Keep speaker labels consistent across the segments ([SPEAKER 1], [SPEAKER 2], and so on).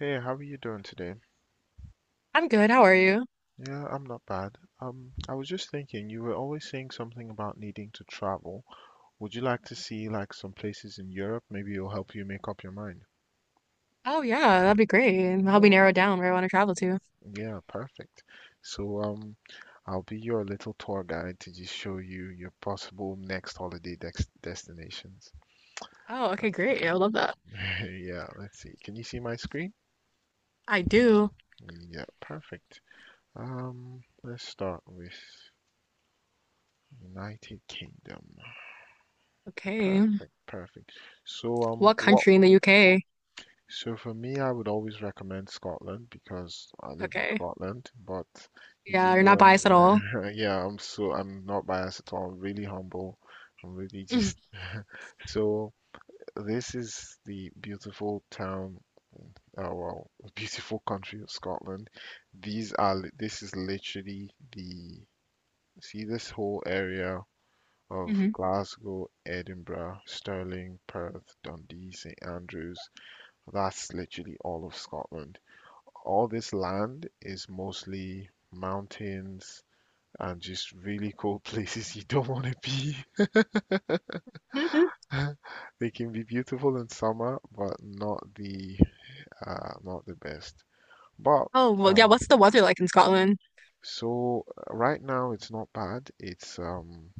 [SPEAKER 1] Hey, how are you doing today?
[SPEAKER 2] I'm good. How are you?
[SPEAKER 1] Yeah, I'm not bad. I was just thinking, you were always saying something about needing to travel. Would you like to see like some places in Europe? Maybe it'll help you make up your mind.
[SPEAKER 2] Oh yeah, that'd be great. And Help me
[SPEAKER 1] Well,
[SPEAKER 2] narrow down where I want to travel to.
[SPEAKER 1] yeah, perfect. So, um, I'll be your little tour guide to just show you your possible next holiday dex destinations.
[SPEAKER 2] Oh, okay, great. I would love that.
[SPEAKER 1] Yeah, let's see. Can you see my screen?
[SPEAKER 2] I do.
[SPEAKER 1] Yeah, perfect. Let's start with United Kingdom.
[SPEAKER 2] Okay.
[SPEAKER 1] Perfect, perfect. So um
[SPEAKER 2] What
[SPEAKER 1] what
[SPEAKER 2] country in the UK?
[SPEAKER 1] so for me I would always recommend Scotland because I live in
[SPEAKER 2] Okay.
[SPEAKER 1] Scotland, but you
[SPEAKER 2] Yeah,
[SPEAKER 1] can
[SPEAKER 2] you're
[SPEAKER 1] go
[SPEAKER 2] not biased at all.
[SPEAKER 1] anywhere. Yeah, I'm not biased at all. I'm really humble. I'm really
[SPEAKER 2] Mm-hmm.
[SPEAKER 1] just so this is the beautiful town the beautiful country of Scotland. This is literally the, see this whole area of Glasgow, Edinburgh, Stirling, Perth, Dundee, St Andrews. That's literally all of Scotland. All this land is mostly mountains and just really cold places you don't want to be.
[SPEAKER 2] hmm
[SPEAKER 1] They can be beautiful in summer, but not the not the best. But
[SPEAKER 2] Oh, well, yeah,
[SPEAKER 1] um,
[SPEAKER 2] what's the weather like in Scotland?
[SPEAKER 1] right now it's not bad. It's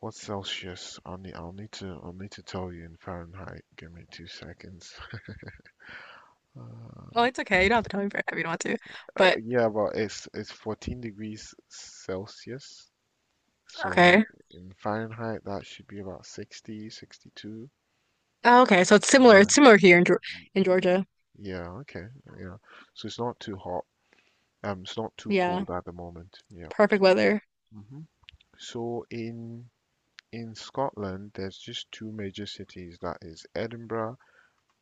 [SPEAKER 1] What's Celsius? I'll need to tell you in Fahrenheit. Give me two seconds. Uh,
[SPEAKER 2] Oh, it's okay. You don't have to tell me for if you don't want to. But
[SPEAKER 1] yeah, well, it's 14 degrees Celsius. So
[SPEAKER 2] okay.
[SPEAKER 1] in Fahrenheit, that should be about 60, 62.
[SPEAKER 2] Oh, okay. So it's similar.
[SPEAKER 1] Yeah.
[SPEAKER 2] It's similar here in Geor in Georgia.
[SPEAKER 1] Yeah. Okay. Yeah. So it's not too hot. It's not too
[SPEAKER 2] Yeah.
[SPEAKER 1] cold at the moment. Yeah.
[SPEAKER 2] Perfect weather.
[SPEAKER 1] hmm So in Scotland, there's just two major cities. That is Edinburgh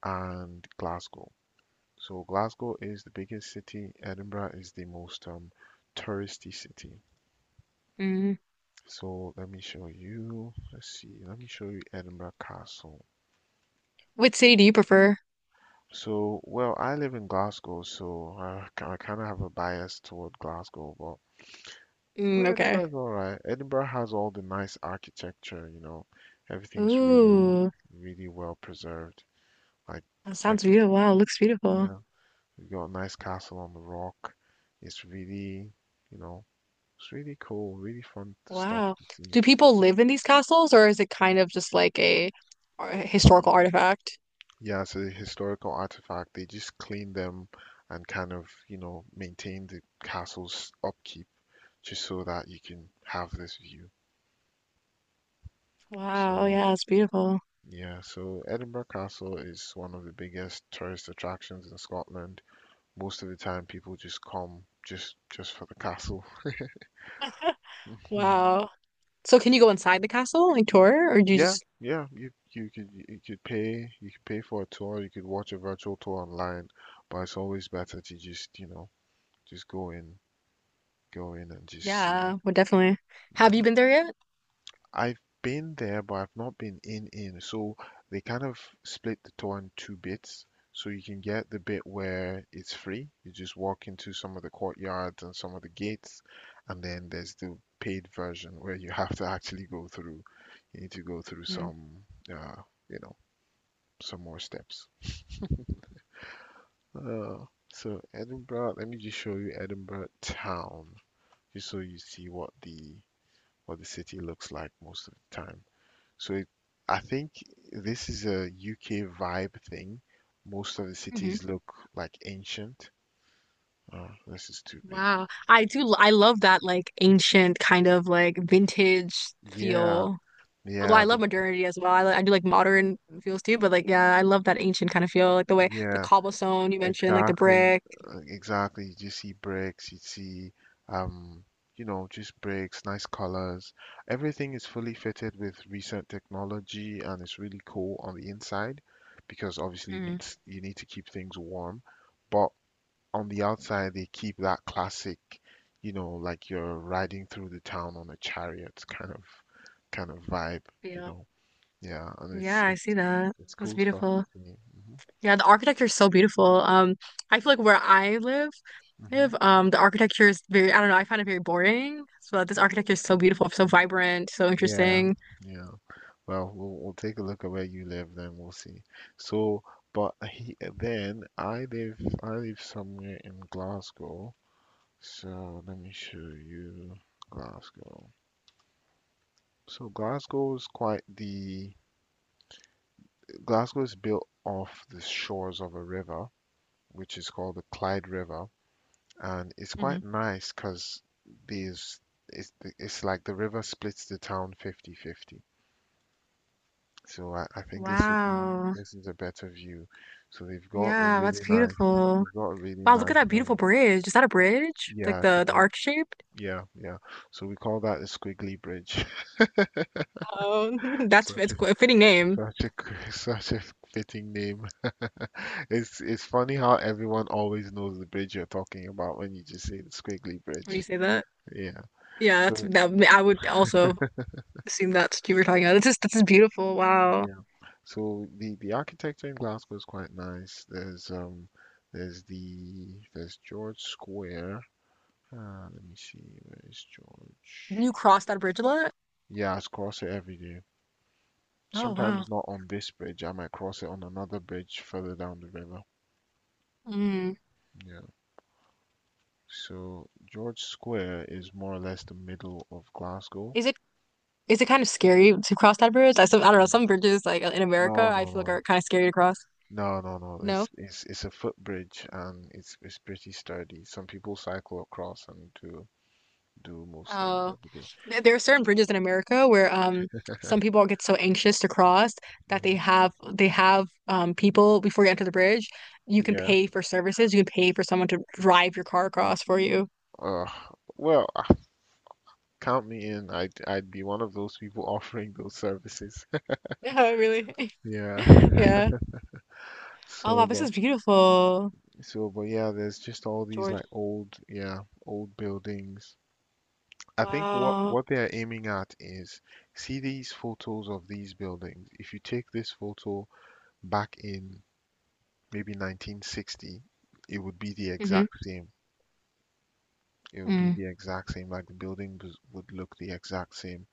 [SPEAKER 1] and Glasgow. So Glasgow is the biggest city. Edinburgh is the most touristy city.
[SPEAKER 2] Mm.
[SPEAKER 1] So let me show you. Let's see. Let me show you Edinburgh Castle.
[SPEAKER 2] Which city do you prefer?
[SPEAKER 1] So, well, I live in Glasgow, so I kind of have a bias toward Glasgow, but
[SPEAKER 2] Mm, okay.
[SPEAKER 1] Edinburgh's all right. Edinburgh has all the nice architecture, you know. Everything's really,
[SPEAKER 2] Ooh,
[SPEAKER 1] really well preserved. Like,
[SPEAKER 2] that
[SPEAKER 1] like,
[SPEAKER 2] sounds beautiful. Wow, looks beautiful.
[SPEAKER 1] yeah, you got a nice castle on the rock. It's really, you know, it's really cool, really fun stuff
[SPEAKER 2] Wow.
[SPEAKER 1] to see.
[SPEAKER 2] Do people live in these castles or is it kind of just like a historical artifact?
[SPEAKER 1] Yeah, it's a historical artifact. They just clean them and kind of, you know, maintain the castle's upkeep just so that you can have this view.
[SPEAKER 2] Wow.
[SPEAKER 1] So,
[SPEAKER 2] Yeah, it's beautiful.
[SPEAKER 1] yeah, so Edinburgh Castle is one of the biggest tourist attractions in Scotland. Most of the time people just come just for the castle.
[SPEAKER 2] Wow. So can you go inside the castle, like tour, or do you
[SPEAKER 1] Yeah,
[SPEAKER 2] just,
[SPEAKER 1] yeah, you could you could pay for a tour, you could watch a virtual tour online, but it's always better to just, just go in and just see.
[SPEAKER 2] yeah, well, definitely. Have you
[SPEAKER 1] Mhm.
[SPEAKER 2] been there yet?
[SPEAKER 1] I've been there, but I've not been in in. So they kind of split the tour in two bits. So you can get the bit where it's free. You just walk into some of the courtyards and some of the gates, and then there's the paid version where you have to actually go through. You need to go through some, uh, you know, some more steps. Uh, so Edinburgh, let me just show you Edinburgh town, just so you see what the city looks like most of the time. So it, I think this is a UK vibe thing. Most of the
[SPEAKER 2] Mm-hmm.
[SPEAKER 1] cities look like ancient. Oh, this is too big.
[SPEAKER 2] Wow. I love that like ancient kind of like vintage
[SPEAKER 1] Yeah,
[SPEAKER 2] feel. Although I
[SPEAKER 1] yeah,
[SPEAKER 2] love
[SPEAKER 1] th-
[SPEAKER 2] modernity as well. I do like modern feels too, but like, yeah, I love that ancient kind of feel, like the way the
[SPEAKER 1] yeah,
[SPEAKER 2] cobblestone you mentioned, like the
[SPEAKER 1] exactly,
[SPEAKER 2] brick.
[SPEAKER 1] exactly. You just see bricks, you see, um, you know, just bricks, nice colors. Everything is fully fitted with recent technology, and it's really cool on the inside because obviously you
[SPEAKER 2] Mhm.
[SPEAKER 1] need you need to keep things warm. But on the outside they keep that classic, you know, like you're riding through the town on a chariot kind of vibe, you know. Yeah, and
[SPEAKER 2] Yeah, I see that.
[SPEAKER 1] it's
[SPEAKER 2] That's
[SPEAKER 1] cool stuff to
[SPEAKER 2] beautiful.
[SPEAKER 1] see.
[SPEAKER 2] Yeah, the architecture is so beautiful. I feel like
[SPEAKER 1] hmm
[SPEAKER 2] live, the architecture is very, I don't know, I find it very boring. So this
[SPEAKER 1] hmm
[SPEAKER 2] architecture is so beautiful, so vibrant, so
[SPEAKER 1] Yeah,
[SPEAKER 2] interesting.
[SPEAKER 1] yeah. Well, we'll take a look at where you live, then we'll see. So, but he, then I live somewhere in Glasgow. So let me show you Glasgow. So Glasgow is quite the Glasgow is built off the shores of a river, which is called the Clyde River, and it's
[SPEAKER 2] hmm
[SPEAKER 1] quite nice because there's it's it's like the river splits the town 50-50. So I think this would be
[SPEAKER 2] Wow.
[SPEAKER 1] this is a better view. So they've got a
[SPEAKER 2] Yeah, that's
[SPEAKER 1] really nice
[SPEAKER 2] beautiful.
[SPEAKER 1] they've got a really
[SPEAKER 2] Wow, look at
[SPEAKER 1] nice
[SPEAKER 2] that beautiful
[SPEAKER 1] um
[SPEAKER 2] bridge. Is that a bridge? Like
[SPEAKER 1] yeah, it's a
[SPEAKER 2] the
[SPEAKER 1] bridge,
[SPEAKER 2] arc shaped?
[SPEAKER 1] yeah yeah. So we call that the Squiggly Bridge.
[SPEAKER 2] Oh, that's
[SPEAKER 1] Such
[SPEAKER 2] it's
[SPEAKER 1] a
[SPEAKER 2] a fitting name
[SPEAKER 1] such a such a fitting name. It's funny how everyone always knows the bridge you're talking about when you just say the Squiggly
[SPEAKER 2] when you
[SPEAKER 1] Bridge.
[SPEAKER 2] say that.
[SPEAKER 1] Yeah.
[SPEAKER 2] Yeah, that's
[SPEAKER 1] So
[SPEAKER 2] that. I would also assume that's what you were talking about. This is beautiful. Wow.
[SPEAKER 1] yeah. So the architecture in Glasgow is quite nice. There's the there's George Square. Let me see, where is George?
[SPEAKER 2] You cross that bridge a lot?
[SPEAKER 1] Yeah, I cross it every day.
[SPEAKER 2] Oh, wow.
[SPEAKER 1] Sometimes not on this bridge. I might cross it on another bridge further down the river.
[SPEAKER 2] Mm.
[SPEAKER 1] Yeah. So George Square is more or less the middle of Glasgow.
[SPEAKER 2] Is it is it kind of scary to cross that bridge? I don't know,
[SPEAKER 1] Mm.
[SPEAKER 2] some bridges like in America
[SPEAKER 1] No,
[SPEAKER 2] I
[SPEAKER 1] no,
[SPEAKER 2] feel like
[SPEAKER 1] no.
[SPEAKER 2] are kind of scary to cross.
[SPEAKER 1] No, no, no.
[SPEAKER 2] No?
[SPEAKER 1] It's it's a footbridge and it's pretty sturdy. Some people cycle across and do do most things
[SPEAKER 2] Oh.
[SPEAKER 1] every day.
[SPEAKER 2] There are certain bridges in America where some people get so anxious to cross that
[SPEAKER 1] Mhm.
[SPEAKER 2] they have people before you enter the bridge, you can
[SPEAKER 1] Yeah.
[SPEAKER 2] pay for services, you can pay for someone to drive your car across for you.
[SPEAKER 1] Uh, well, uh, Count me in. I'd be one of those people offering those services.
[SPEAKER 2] Yeah, really.
[SPEAKER 1] Yeah.
[SPEAKER 2] Yeah. Oh
[SPEAKER 1] So,
[SPEAKER 2] wow, this
[SPEAKER 1] but
[SPEAKER 2] is beautiful,
[SPEAKER 1] so, but Yeah. There's just all these
[SPEAKER 2] George.
[SPEAKER 1] like old, yeah, old buildings. I think
[SPEAKER 2] Wow.
[SPEAKER 1] what they're aiming at is, see these photos of these buildings. If you take this photo back in maybe 1960, it would be the
[SPEAKER 2] Mm-hmm.
[SPEAKER 1] exact same. It would be
[SPEAKER 2] Mm.
[SPEAKER 1] the exact same. Like the building would look the exact same.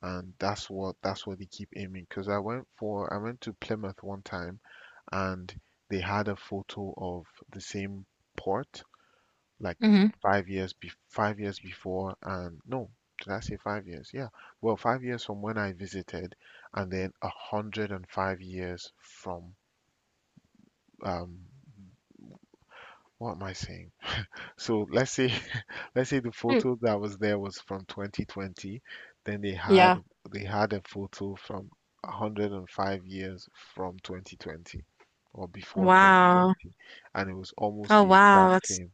[SPEAKER 1] And that's what they keep aiming. Because I went to Plymouth one time, and they had a photo of the same port like
[SPEAKER 2] Mm-hmm.
[SPEAKER 1] 5 years before. And no, did I say 5 years? Yeah. Well, 5 years from when I visited, and then 105 years from um, what am I saying? So let's say let's say the
[SPEAKER 2] Mm.
[SPEAKER 1] photo that was there was from 2020, then
[SPEAKER 2] Yeah.
[SPEAKER 1] they had a photo from 105 years from 2020 or before
[SPEAKER 2] Wow.
[SPEAKER 1] 2020 and it was almost
[SPEAKER 2] Oh
[SPEAKER 1] the
[SPEAKER 2] wow,
[SPEAKER 1] exact
[SPEAKER 2] that's
[SPEAKER 1] same.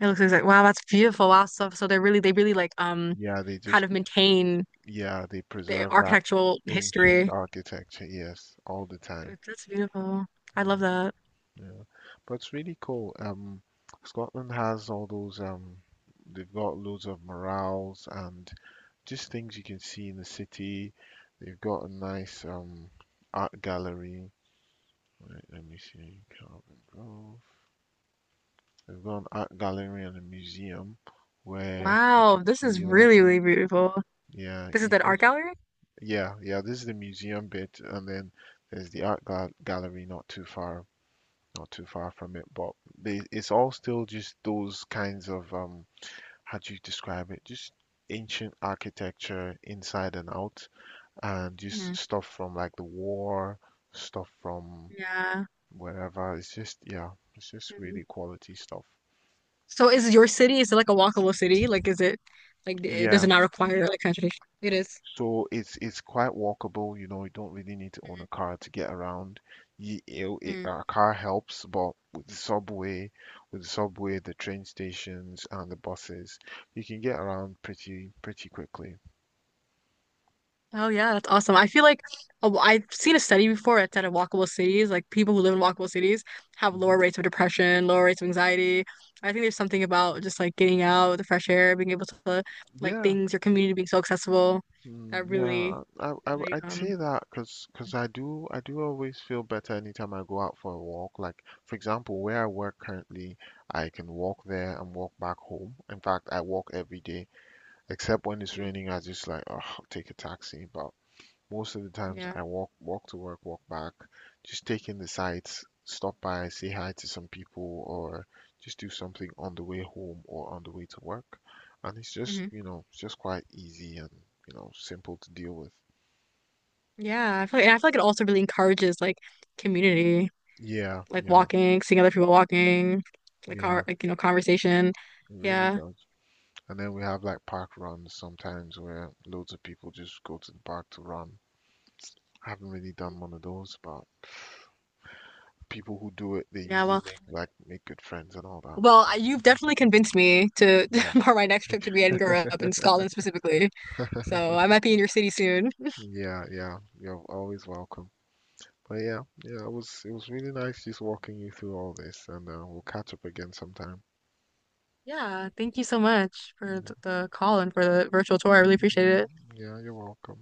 [SPEAKER 2] it looks like wow, that's beautiful. Wow, so they really like
[SPEAKER 1] Yeah, they just
[SPEAKER 2] kind of maintain
[SPEAKER 1] yeah, they
[SPEAKER 2] the
[SPEAKER 1] preserve that
[SPEAKER 2] architectural
[SPEAKER 1] ancient
[SPEAKER 2] history.
[SPEAKER 1] architecture, yes, all the time.
[SPEAKER 2] That's beautiful. I
[SPEAKER 1] Yeah,
[SPEAKER 2] love that.
[SPEAKER 1] yeah. But it's really cool. Scotland has all those they've got loads of murals and just things you can see in the city. They've got a nice art gallery. Wait, let me see, Calvin Grove. They've got an art gallery and a museum where you can
[SPEAKER 2] Wow, this is
[SPEAKER 1] see all
[SPEAKER 2] really
[SPEAKER 1] these.
[SPEAKER 2] really beautiful.
[SPEAKER 1] Yeah,
[SPEAKER 2] This is
[SPEAKER 1] you
[SPEAKER 2] that art
[SPEAKER 1] just
[SPEAKER 2] gallery?
[SPEAKER 1] Yeah yeah. This is the museum bit, and then there's the art gallery not too far from it. But they, it's all still just those kinds of how do you describe it? Just ancient architecture inside and out, and just
[SPEAKER 2] Mm.
[SPEAKER 1] stuff from like the war, stuff from
[SPEAKER 2] Yeah.
[SPEAKER 1] wherever. It's just yeah, it's just
[SPEAKER 2] Mhm.
[SPEAKER 1] really quality stuff.
[SPEAKER 2] So is your city is it like a walkable city? Like is it like it does
[SPEAKER 1] Yeah.
[SPEAKER 2] it not require like kind of tradition? It is.
[SPEAKER 1] So it's quite walkable, you know, you don't really need to own a car to get around.
[SPEAKER 2] Mhm.
[SPEAKER 1] A car helps, but with the subway, the train stations and the buses, you can get around pretty quickly.
[SPEAKER 2] Oh yeah, that's awesome. I've seen a study before that said in walkable cities, like people who live in walkable cities have
[SPEAKER 1] hmm
[SPEAKER 2] lower rates of depression, lower rates of anxiety. I think there's something about just like getting out, the fresh air, being able to like
[SPEAKER 1] Yeah.
[SPEAKER 2] things, your community being so accessible.
[SPEAKER 1] Mm,
[SPEAKER 2] That really,
[SPEAKER 1] yeah,
[SPEAKER 2] really,
[SPEAKER 1] I'd say that because I do always feel better anytime I go out for a walk. Like for example, where I work currently, I can walk there and walk back home. In fact, I walk every day, except when it's
[SPEAKER 2] mm,
[SPEAKER 1] raining. I just like, oh, take a taxi. But most of the times
[SPEAKER 2] yeah,
[SPEAKER 1] I walk to work, walk back, just take in the sights, stop by, say hi to some people, or just do something on the way home or on the way to work. And it's just,
[SPEAKER 2] hmm
[SPEAKER 1] you know, it's just quite easy and, you know, simple to deal with.
[SPEAKER 2] yeah. I feel like, it also really encourages like community,
[SPEAKER 1] Yeah,
[SPEAKER 2] like
[SPEAKER 1] yeah,
[SPEAKER 2] walking, seeing other people walking,
[SPEAKER 1] yeah,
[SPEAKER 2] like you know, conversation.
[SPEAKER 1] it really
[SPEAKER 2] Yeah,
[SPEAKER 1] does. And then we have like park runs sometimes where loads of people just go to the park to run. I haven't really done one of those, but people who do it, they
[SPEAKER 2] yeah.
[SPEAKER 1] usually
[SPEAKER 2] Well.
[SPEAKER 1] make make good friends and all that.
[SPEAKER 2] Well, you've definitely convinced me to
[SPEAKER 1] Yeah.
[SPEAKER 2] for my next trip to be Edinburgh up in Scotland specifically. So I might be in your city soon.
[SPEAKER 1] Yeah, yeah, you're always welcome. But yeah, yeah, it was really nice just walking you through all this, and we'll catch up again sometime.
[SPEAKER 2] Yeah, thank you so much for
[SPEAKER 1] Yeah,
[SPEAKER 2] the call and for the virtual tour. I really appreciate it.
[SPEAKER 1] yeah, you're welcome.